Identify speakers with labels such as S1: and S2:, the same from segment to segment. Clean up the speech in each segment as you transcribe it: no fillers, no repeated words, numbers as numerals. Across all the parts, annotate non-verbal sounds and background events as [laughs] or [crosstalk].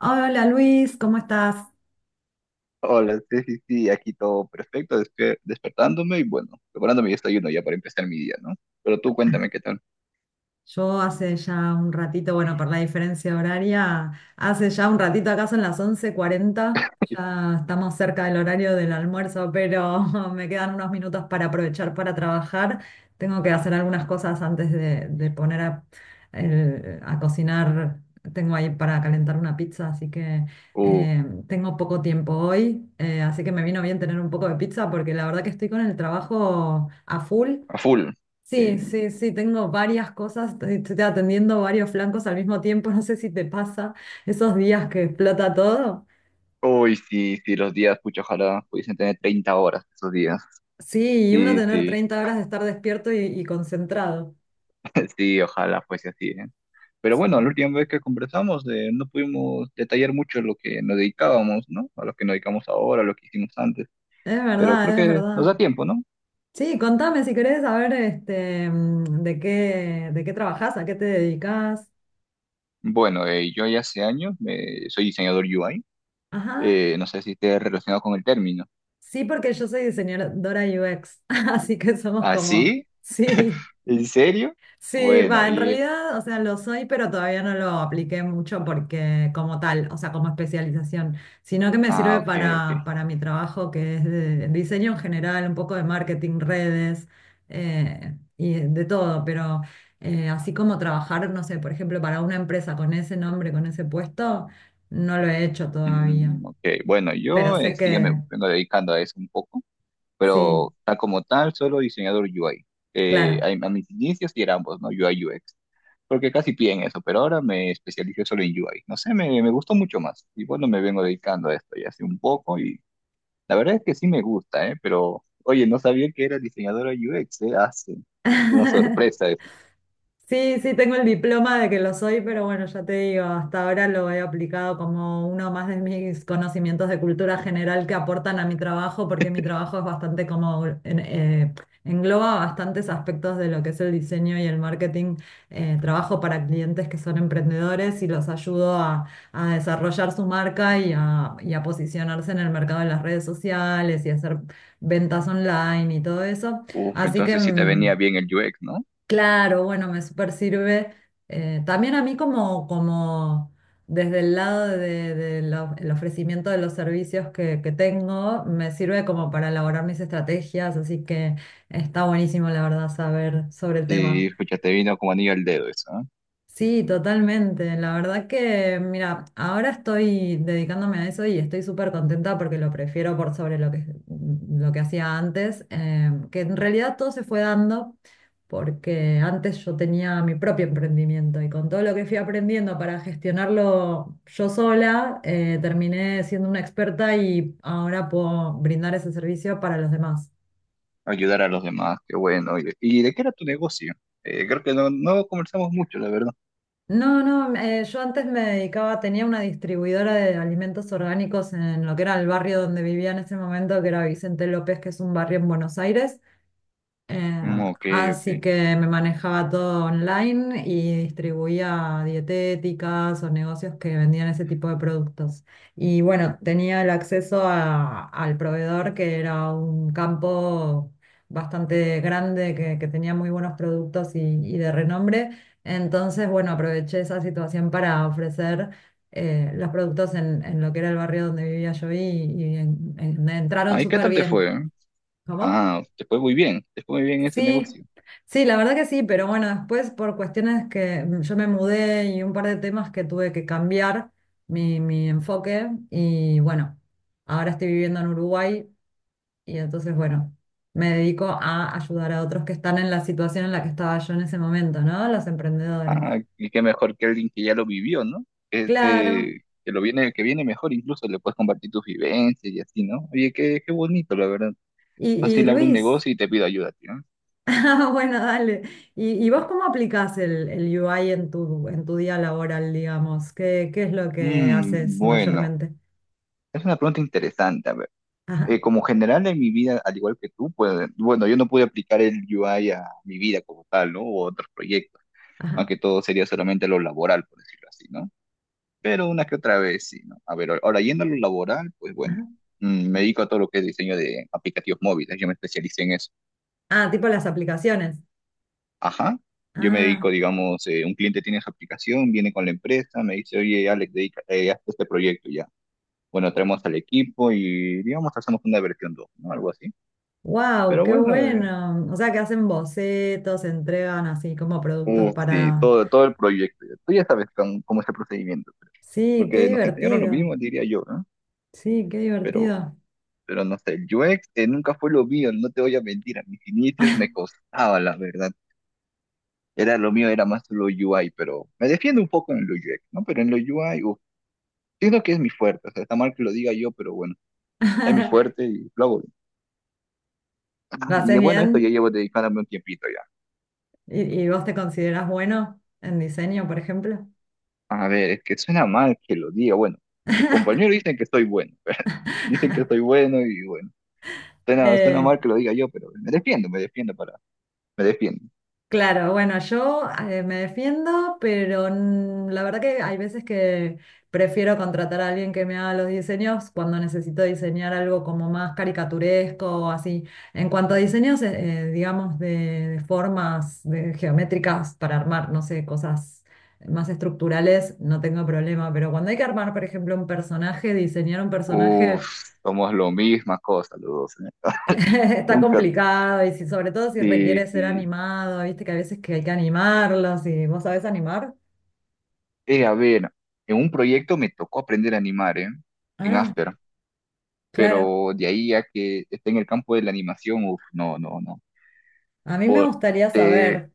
S1: Hola Luis, ¿cómo estás?
S2: Hola, sí, sí, sí, aquí todo perfecto, despertándome y bueno, preparando mi desayuno ya para empezar mi día, ¿no? Pero tú cuéntame qué tal.
S1: Yo hace ya un ratito, bueno, por la diferencia horaria, hace ya un ratito acá son las 11:40. Ya estamos cerca del horario del almuerzo, pero [laughs] me quedan unos minutos para aprovechar para trabajar. Tengo que hacer algunas cosas antes de poner a cocinar. Tengo ahí para calentar una pizza, así que
S2: Uh,
S1: tengo poco tiempo hoy. Así que me vino bien tener un poco de pizza porque la verdad que estoy con el trabajo a full.
S2: a full.
S1: Sí,
S2: Sí.
S1: sí, sí, tengo varias cosas. Estoy atendiendo varios flancos al mismo tiempo, no sé si te pasa esos días que explota todo.
S2: Uy, sí, sí, los días, pucha, ojalá pudiesen tener 30 horas esos días.
S1: Sí, y uno
S2: Sí,
S1: tener
S2: sí,
S1: 30 horas de estar despierto y concentrado.
S2: [laughs] sí, ojalá fuese así, ¿eh? Pero
S1: Sí,
S2: bueno, la última vez que conversamos no pudimos detallar mucho lo que nos dedicábamos, ¿no? A lo que nos dedicamos ahora, a lo que hicimos antes,
S1: es
S2: pero creo
S1: verdad, es
S2: que nos da
S1: verdad.
S2: tiempo, ¿no?
S1: Sí, contame si querés saber este, de qué, trabajás, a qué te dedicás.
S2: Bueno, yo ya hace años soy diseñador UI.
S1: Ajá,
S2: No sé si esté relacionado con el término.
S1: sí, porque yo soy diseñadora UX, [laughs] así que somos
S2: ¿Ah,
S1: como,
S2: sí?
S1: sí.
S2: ¿En serio?
S1: Sí, va,
S2: Bueno,
S1: en
S2: y...
S1: realidad, o sea, lo soy, pero todavía no lo apliqué mucho porque como tal, o sea, como especialización, sino que me
S2: Ah,
S1: sirve
S2: ok, ok.
S1: para mi trabajo que es de diseño en general, un poco de marketing, redes. Y de todo. Pero así como trabajar, no sé, por ejemplo, para una empresa con ese nombre, con ese puesto, no lo he hecho todavía,
S2: Ok, bueno,
S1: pero
S2: yo
S1: sé
S2: sí ya me
S1: que
S2: vengo dedicando a eso un poco,
S1: sí,
S2: pero tal como tal, solo diseñador UI. A,
S1: claro.
S2: a mis inicios sí era ambos, ¿no? UI UX. Porque casi piden eso, pero ahora me especialicé solo en UI. No sé, me gustó mucho más. Y bueno, me vengo dedicando a esto ya hace un poco y la verdad es que sí me gusta, ¿eh? Pero, oye, no sabía que era diseñadora UX, ¿eh? Hace una
S1: [laughs]
S2: sorpresa.
S1: Sí, sí, tengo el diploma de que lo soy, pero bueno, ya te digo, hasta ahora lo he aplicado como uno más de mis conocimientos de cultura general que aportan a mi trabajo, porque mi trabajo es bastante como, engloba bastantes aspectos de lo que es el diseño y el marketing. Trabajo para clientes que son emprendedores y los ayudo a desarrollar su marca y a posicionarse en el mercado de las redes sociales y hacer ventas online y todo eso.
S2: Uf,
S1: Así que...
S2: entonces sí te
S1: mm,
S2: venía bien el UX, ¿no?
S1: claro, bueno, me super sirve. También a mí como, como desde el lado de el ofrecimiento de los servicios que tengo, me sirve como para elaborar mis estrategias, así que está buenísimo, la verdad, saber sobre el tema.
S2: Sí, ya te vino como anillo al dedo eso, ¿eh?
S1: Sí, totalmente. La verdad que, mira, ahora estoy dedicándome a eso y estoy súper contenta porque lo prefiero por sobre lo que hacía antes. Que en realidad todo se fue dando porque antes yo tenía mi propio emprendimiento y con todo lo que fui aprendiendo para gestionarlo yo sola, terminé siendo una experta y ahora puedo brindar ese servicio para los demás.
S2: Ayudar a los demás, qué bueno. Y de qué era tu negocio? Creo que no, no conversamos mucho, la verdad.
S1: No, no, yo antes me dedicaba, tenía una distribuidora de alimentos orgánicos en lo que era el barrio donde vivía en ese momento, que era Vicente López, que es un barrio en Buenos Aires. Eh,
S2: Ok,
S1: Así
S2: ok.
S1: que me manejaba todo online y distribuía dietéticas o negocios que vendían ese tipo de productos. Y bueno, tenía el acceso al proveedor, que era un campo bastante grande, que tenía muy buenos productos y de renombre. Entonces, bueno, aproveché esa situación para ofrecer los productos en, lo que era el barrio donde vivía yo y entraron
S2: Ah, ¿y qué
S1: súper
S2: tal te
S1: bien.
S2: fue?
S1: ¿Cómo?
S2: Ah, te fue muy bien, te fue muy bien ese
S1: Sí,
S2: negocio.
S1: sí, la verdad que sí, pero bueno, después por cuestiones que yo me mudé y un par de temas que tuve que cambiar mi enfoque y bueno, ahora estoy viviendo en Uruguay y entonces bueno, me dedico a ayudar a otros que están en la situación en la que estaba yo en ese momento, ¿no? Los emprendedores.
S2: Ah, y qué mejor que alguien que ya lo vivió, ¿no?
S1: Claro.
S2: Ese, que lo viene, que viene mejor, incluso le puedes compartir tus vivencias y así, ¿no? Oye, qué, qué bonito, la verdad.
S1: Y, y
S2: Fácil abro un
S1: Luis,
S2: negocio y te pido ayuda, tío.
S1: [laughs] ah, bueno, dale. ¿Y vos cómo aplicás el UI en tu día laboral, digamos? ¿Qué es lo que haces
S2: Bueno,
S1: mayormente?
S2: es una pregunta interesante,
S1: [laughs]
S2: como general en mi vida, al igual que tú, pues, bueno, yo no pude aplicar el UI a mi vida como tal, ¿no? O a otros proyectos. Más
S1: Ajá,
S2: que todo sería solamente lo laboral, por decirlo así, ¿no? Pero una que otra vez, sí, ¿no? A ver, ahora yendo a lo laboral, pues bueno,
S1: ajá.
S2: me dedico a todo lo que es diseño de aplicativos móviles, yo me especialicé en eso.
S1: Ah, tipo las aplicaciones.
S2: Ajá, yo me dedico,
S1: Ah,
S2: digamos, un cliente tiene su aplicación, viene con la empresa, me dice, oye, Alex, dedica, haz este proyecto ya. Bueno, traemos al equipo y, digamos, hacemos una versión dos, ¿no? Algo así.
S1: wow,
S2: Pero
S1: qué
S2: bueno,
S1: bueno. O sea, que hacen bocetos, entregan así como productos
S2: Sí,
S1: para...
S2: todo el proyecto. Tú ya sabes cómo es el procedimiento,
S1: Sí, qué
S2: porque nos enseñaron lo
S1: divertido.
S2: mismo, diría yo, ¿no?
S1: Sí, qué
S2: Pero,
S1: divertido.
S2: pero no sé, el UX nunca fue lo mío, no te voy a mentir, a mis inicios me costaba, la verdad. Era lo mío, era más lo UI, pero me defiendo un poco en lo UX, ¿no? Pero en lo UI, uff, siento que es mi fuerte, o sea, está mal que lo diga yo, pero bueno, es mi
S1: [laughs]
S2: fuerte y lo hago bien. Ah,
S1: ¿Lo
S2: y
S1: haces
S2: bueno, esto ya
S1: bien?
S2: llevo dedicándome un tiempito ya.
S1: Y vos te consideras bueno en diseño, por ejemplo?
S2: A ver, es que suena mal que lo diga, bueno, mis compañeros dicen que soy bueno, [laughs] dicen que soy bueno y bueno. Suena, suena
S1: Eh,
S2: mal que lo diga yo, pero me defiendo para, me defiendo.
S1: Claro, bueno, yo me defiendo, pero la verdad que hay veces que prefiero contratar a alguien que me haga los diseños cuando necesito diseñar algo como más caricaturesco o así. En cuanto a diseños, digamos, de formas de geométricas para armar, no sé, cosas más estructurales, no tengo problema, pero cuando hay que armar, por ejemplo, un personaje, diseñar un personaje...
S2: Uf, somos lo misma cosa los dos, ¿eh?
S1: [laughs]
S2: [laughs]
S1: Está
S2: Nunca,
S1: complicado y si, sobre todo si
S2: sí,
S1: requiere ser
S2: sí.
S1: animado, viste que a veces que hay que animarlos y vos sabés animar.
S2: A ver, en un proyecto me tocó aprender a animar, ¿eh? En
S1: Ah,
S2: After,
S1: claro.
S2: pero de ahí a que esté en el campo de la animación, uf, no, no, no.
S1: A mí me
S2: Por,
S1: gustaría
S2: te,
S1: saber.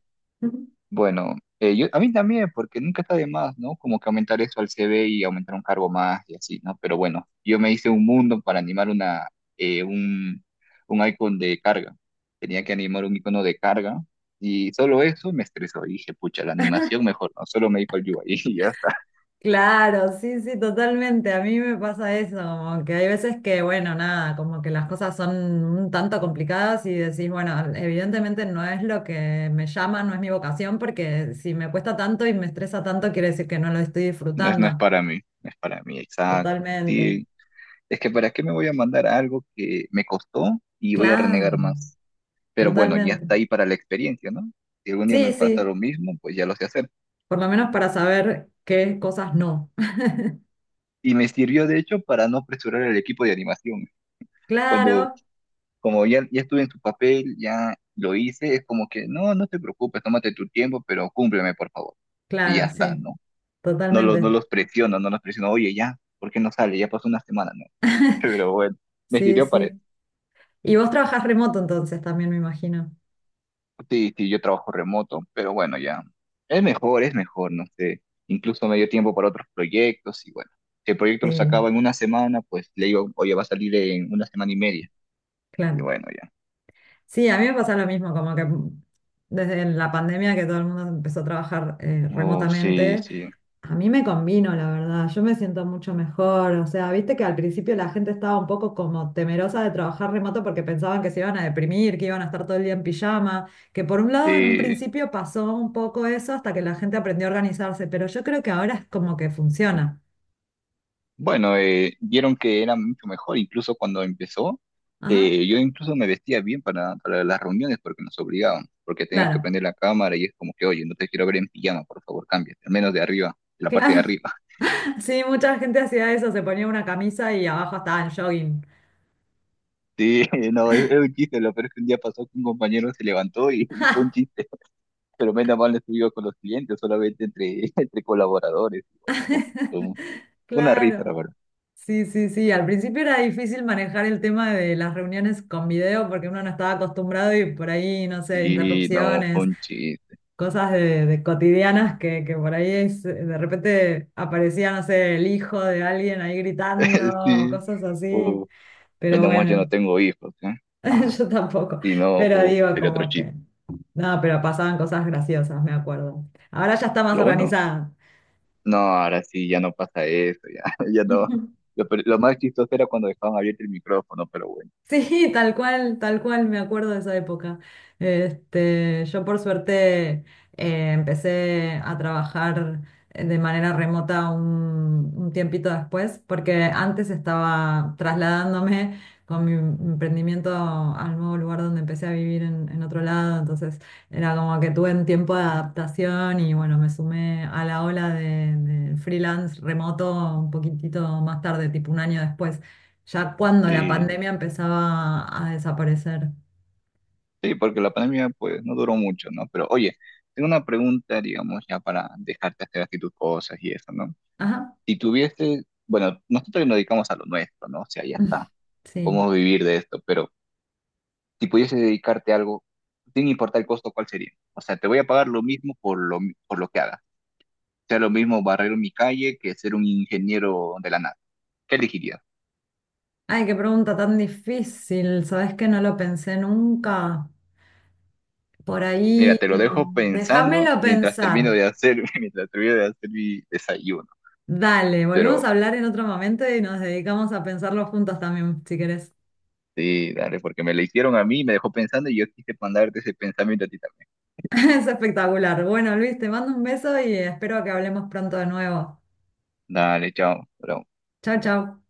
S2: Bueno, a mí también, porque nunca está de más, ¿no? Como que aumentar eso al CV y aumentar un cargo más y así, ¿no? Pero bueno, yo me hice un mundo para animar eh, un, un icon de carga. Tenía que animar un icono de carga y solo eso me estresó. Y dije, pucha, la animación
S1: [laughs]
S2: mejor, ¿no? Solo me dijo el UI [laughs] y ya está.
S1: Claro, sí, sí, totalmente. A mí me pasa eso, como que hay veces que, bueno, nada, como que las cosas son un tanto complicadas y decís, bueno, evidentemente no es lo que me llama, no es mi vocación, porque si me cuesta tanto y me estresa tanto, quiere decir que no lo estoy
S2: No es, no es
S1: disfrutando.
S2: para mí, no es para mí, exacto.
S1: Totalmente.
S2: Sí, es que, ¿para qué me voy a mandar algo que me costó y voy a
S1: Claro,
S2: renegar más? Pero bueno, ya
S1: totalmente.
S2: está ahí para la experiencia, ¿no? Si algún día me
S1: Sí,
S2: pasa
S1: sí,
S2: lo mismo, pues ya lo sé hacer.
S1: por lo menos para saber qué cosas no.
S2: Y me sirvió, de hecho, para no apresurar el equipo de animación. Cuando,
S1: Claro,
S2: como ya estuve en su papel, ya lo hice, es como que, no, no te preocupes, tómate tu tiempo, pero cúmpleme, por favor. Y ya
S1: claro,
S2: está,
S1: sí,
S2: ¿no? No los, no
S1: totalmente.
S2: los presiono, no los presiono, oye, ya, ¿por qué no sale? Ya pasó una semana, ¿no? [laughs]
S1: [laughs]
S2: Pero bueno, me
S1: Sí,
S2: sirvió para eso.
S1: sí. Y vos trabajás remoto entonces también, me imagino.
S2: Sí, sí, yo trabajo remoto, pero bueno, ya. Es mejor, no sé. Incluso me dio tiempo para otros proyectos y bueno. Si el proyecto
S1: Sí,
S2: lo sacaba en una semana, pues le digo, oye, va a salir en una semana y media. Y
S1: claro.
S2: bueno, ya.
S1: Sí, a mí me pasa lo mismo, como que desde la pandemia que todo el mundo empezó a trabajar
S2: Oh, sí,
S1: remotamente.
S2: sí.
S1: A mí me convino, la verdad, yo me siento mucho mejor, o sea, viste que al principio la gente estaba un poco como temerosa de trabajar remoto porque pensaban que se iban a deprimir, que iban a estar todo el día en pijama, que por un lado en un
S2: Sí.
S1: principio pasó un poco eso hasta que la gente aprendió a organizarse, pero yo creo que ahora es como que funciona.
S2: Bueno, vieron que era mucho mejor, incluso cuando empezó.
S1: Ajá,
S2: Yo incluso me vestía bien para las reuniones porque nos obligaban, porque teníamos que
S1: claro,
S2: prender la cámara y es como que, oye, no te quiero ver en pijama, por favor, cámbiate, al menos de arriba, de la parte de
S1: claro.
S2: arriba.
S1: [laughs] Sí, mucha gente hacía eso, se ponía una camisa y abajo estaba en jogging.
S2: Sí, [laughs] no, es un chiste, lo peor es que un día pasó que un compañero se levantó y fue un
S1: [laughs]
S2: chiste, pero menos mal no estuvo con los clientes, solamente entre, [laughs] entre colaboradores. Y bueno, fue un- fue una risa, la
S1: Claro.
S2: verdad.
S1: Sí, sí, sí. Al principio era difícil manejar el tema de las reuniones con video porque uno no estaba acostumbrado y por ahí, no sé,
S2: Sí, no, fue
S1: interrupciones,
S2: un chiste,
S1: cosas de cotidianas que por ahí de repente aparecía, no sé, el hijo de alguien ahí
S2: [laughs]
S1: gritando,
S2: sí.
S1: cosas así.
S2: Uf,
S1: Pero
S2: menos mal yo
S1: bueno,
S2: no tengo hijos, ¿eh? Ah,
S1: [laughs] yo tampoco.
S2: sí no,
S1: Pero
S2: uf,
S1: digo,
S2: sería otro
S1: como
S2: chiste.
S1: que... No, pero pasaban cosas graciosas, me acuerdo. Ahora ya está más
S2: Lo bueno,
S1: organizada.
S2: no, ahora sí, ya no pasa eso, ya, [laughs] ya no.
S1: [laughs]
S2: Lo más chistoso era cuando dejaban abierto el micrófono, pero bueno,
S1: Sí, tal cual, me acuerdo de esa época. Este, yo por suerte empecé a trabajar de manera remota un tiempito después, porque antes estaba trasladándome con mi emprendimiento al nuevo lugar donde empecé a vivir en, otro lado, entonces era como que tuve un tiempo de adaptación y bueno, me sumé a la ola del freelance remoto un poquitito más tarde, tipo un año después. Ya cuando la
S2: sí.
S1: pandemia empezaba a desaparecer.
S2: Sí, porque la pandemia pues no duró mucho, ¿no? Pero oye, tengo una pregunta, digamos, ya para dejarte hacer así tus cosas y eso, ¿no?
S1: Ajá.
S2: Si tuviese, bueno, nosotros nos dedicamos a lo nuestro, ¿no? O sea, ya
S1: [laughs]
S2: está,
S1: Sí.
S2: podemos vivir de esto, pero si pudiese dedicarte a algo, sin importar el costo, ¿cuál sería? O sea, te voy a pagar lo mismo por por lo que hagas. Sea lo mismo barrer mi calle que ser un ingeniero de la nada. ¿Qué elegirías?
S1: Ay, qué pregunta tan difícil. Sabes que no lo pensé nunca. Por
S2: Mira,
S1: ahí,
S2: te lo dejo pensando
S1: déjamelo
S2: mientras termino
S1: pensar.
S2: de hacer, [laughs] mientras termino de hacer mi desayuno.
S1: Dale, volvemos
S2: Pero
S1: a hablar en otro momento y nos dedicamos a pensarlo juntos también, si querés. [laughs]
S2: sí, dale, porque me la hicieron a mí, me dejó pensando y yo quise mandarte ese pensamiento a ti también.
S1: Es espectacular. Bueno, Luis, te mando un beso y espero que hablemos pronto de nuevo.
S2: Dale, chao, bro.
S1: Chao, chao.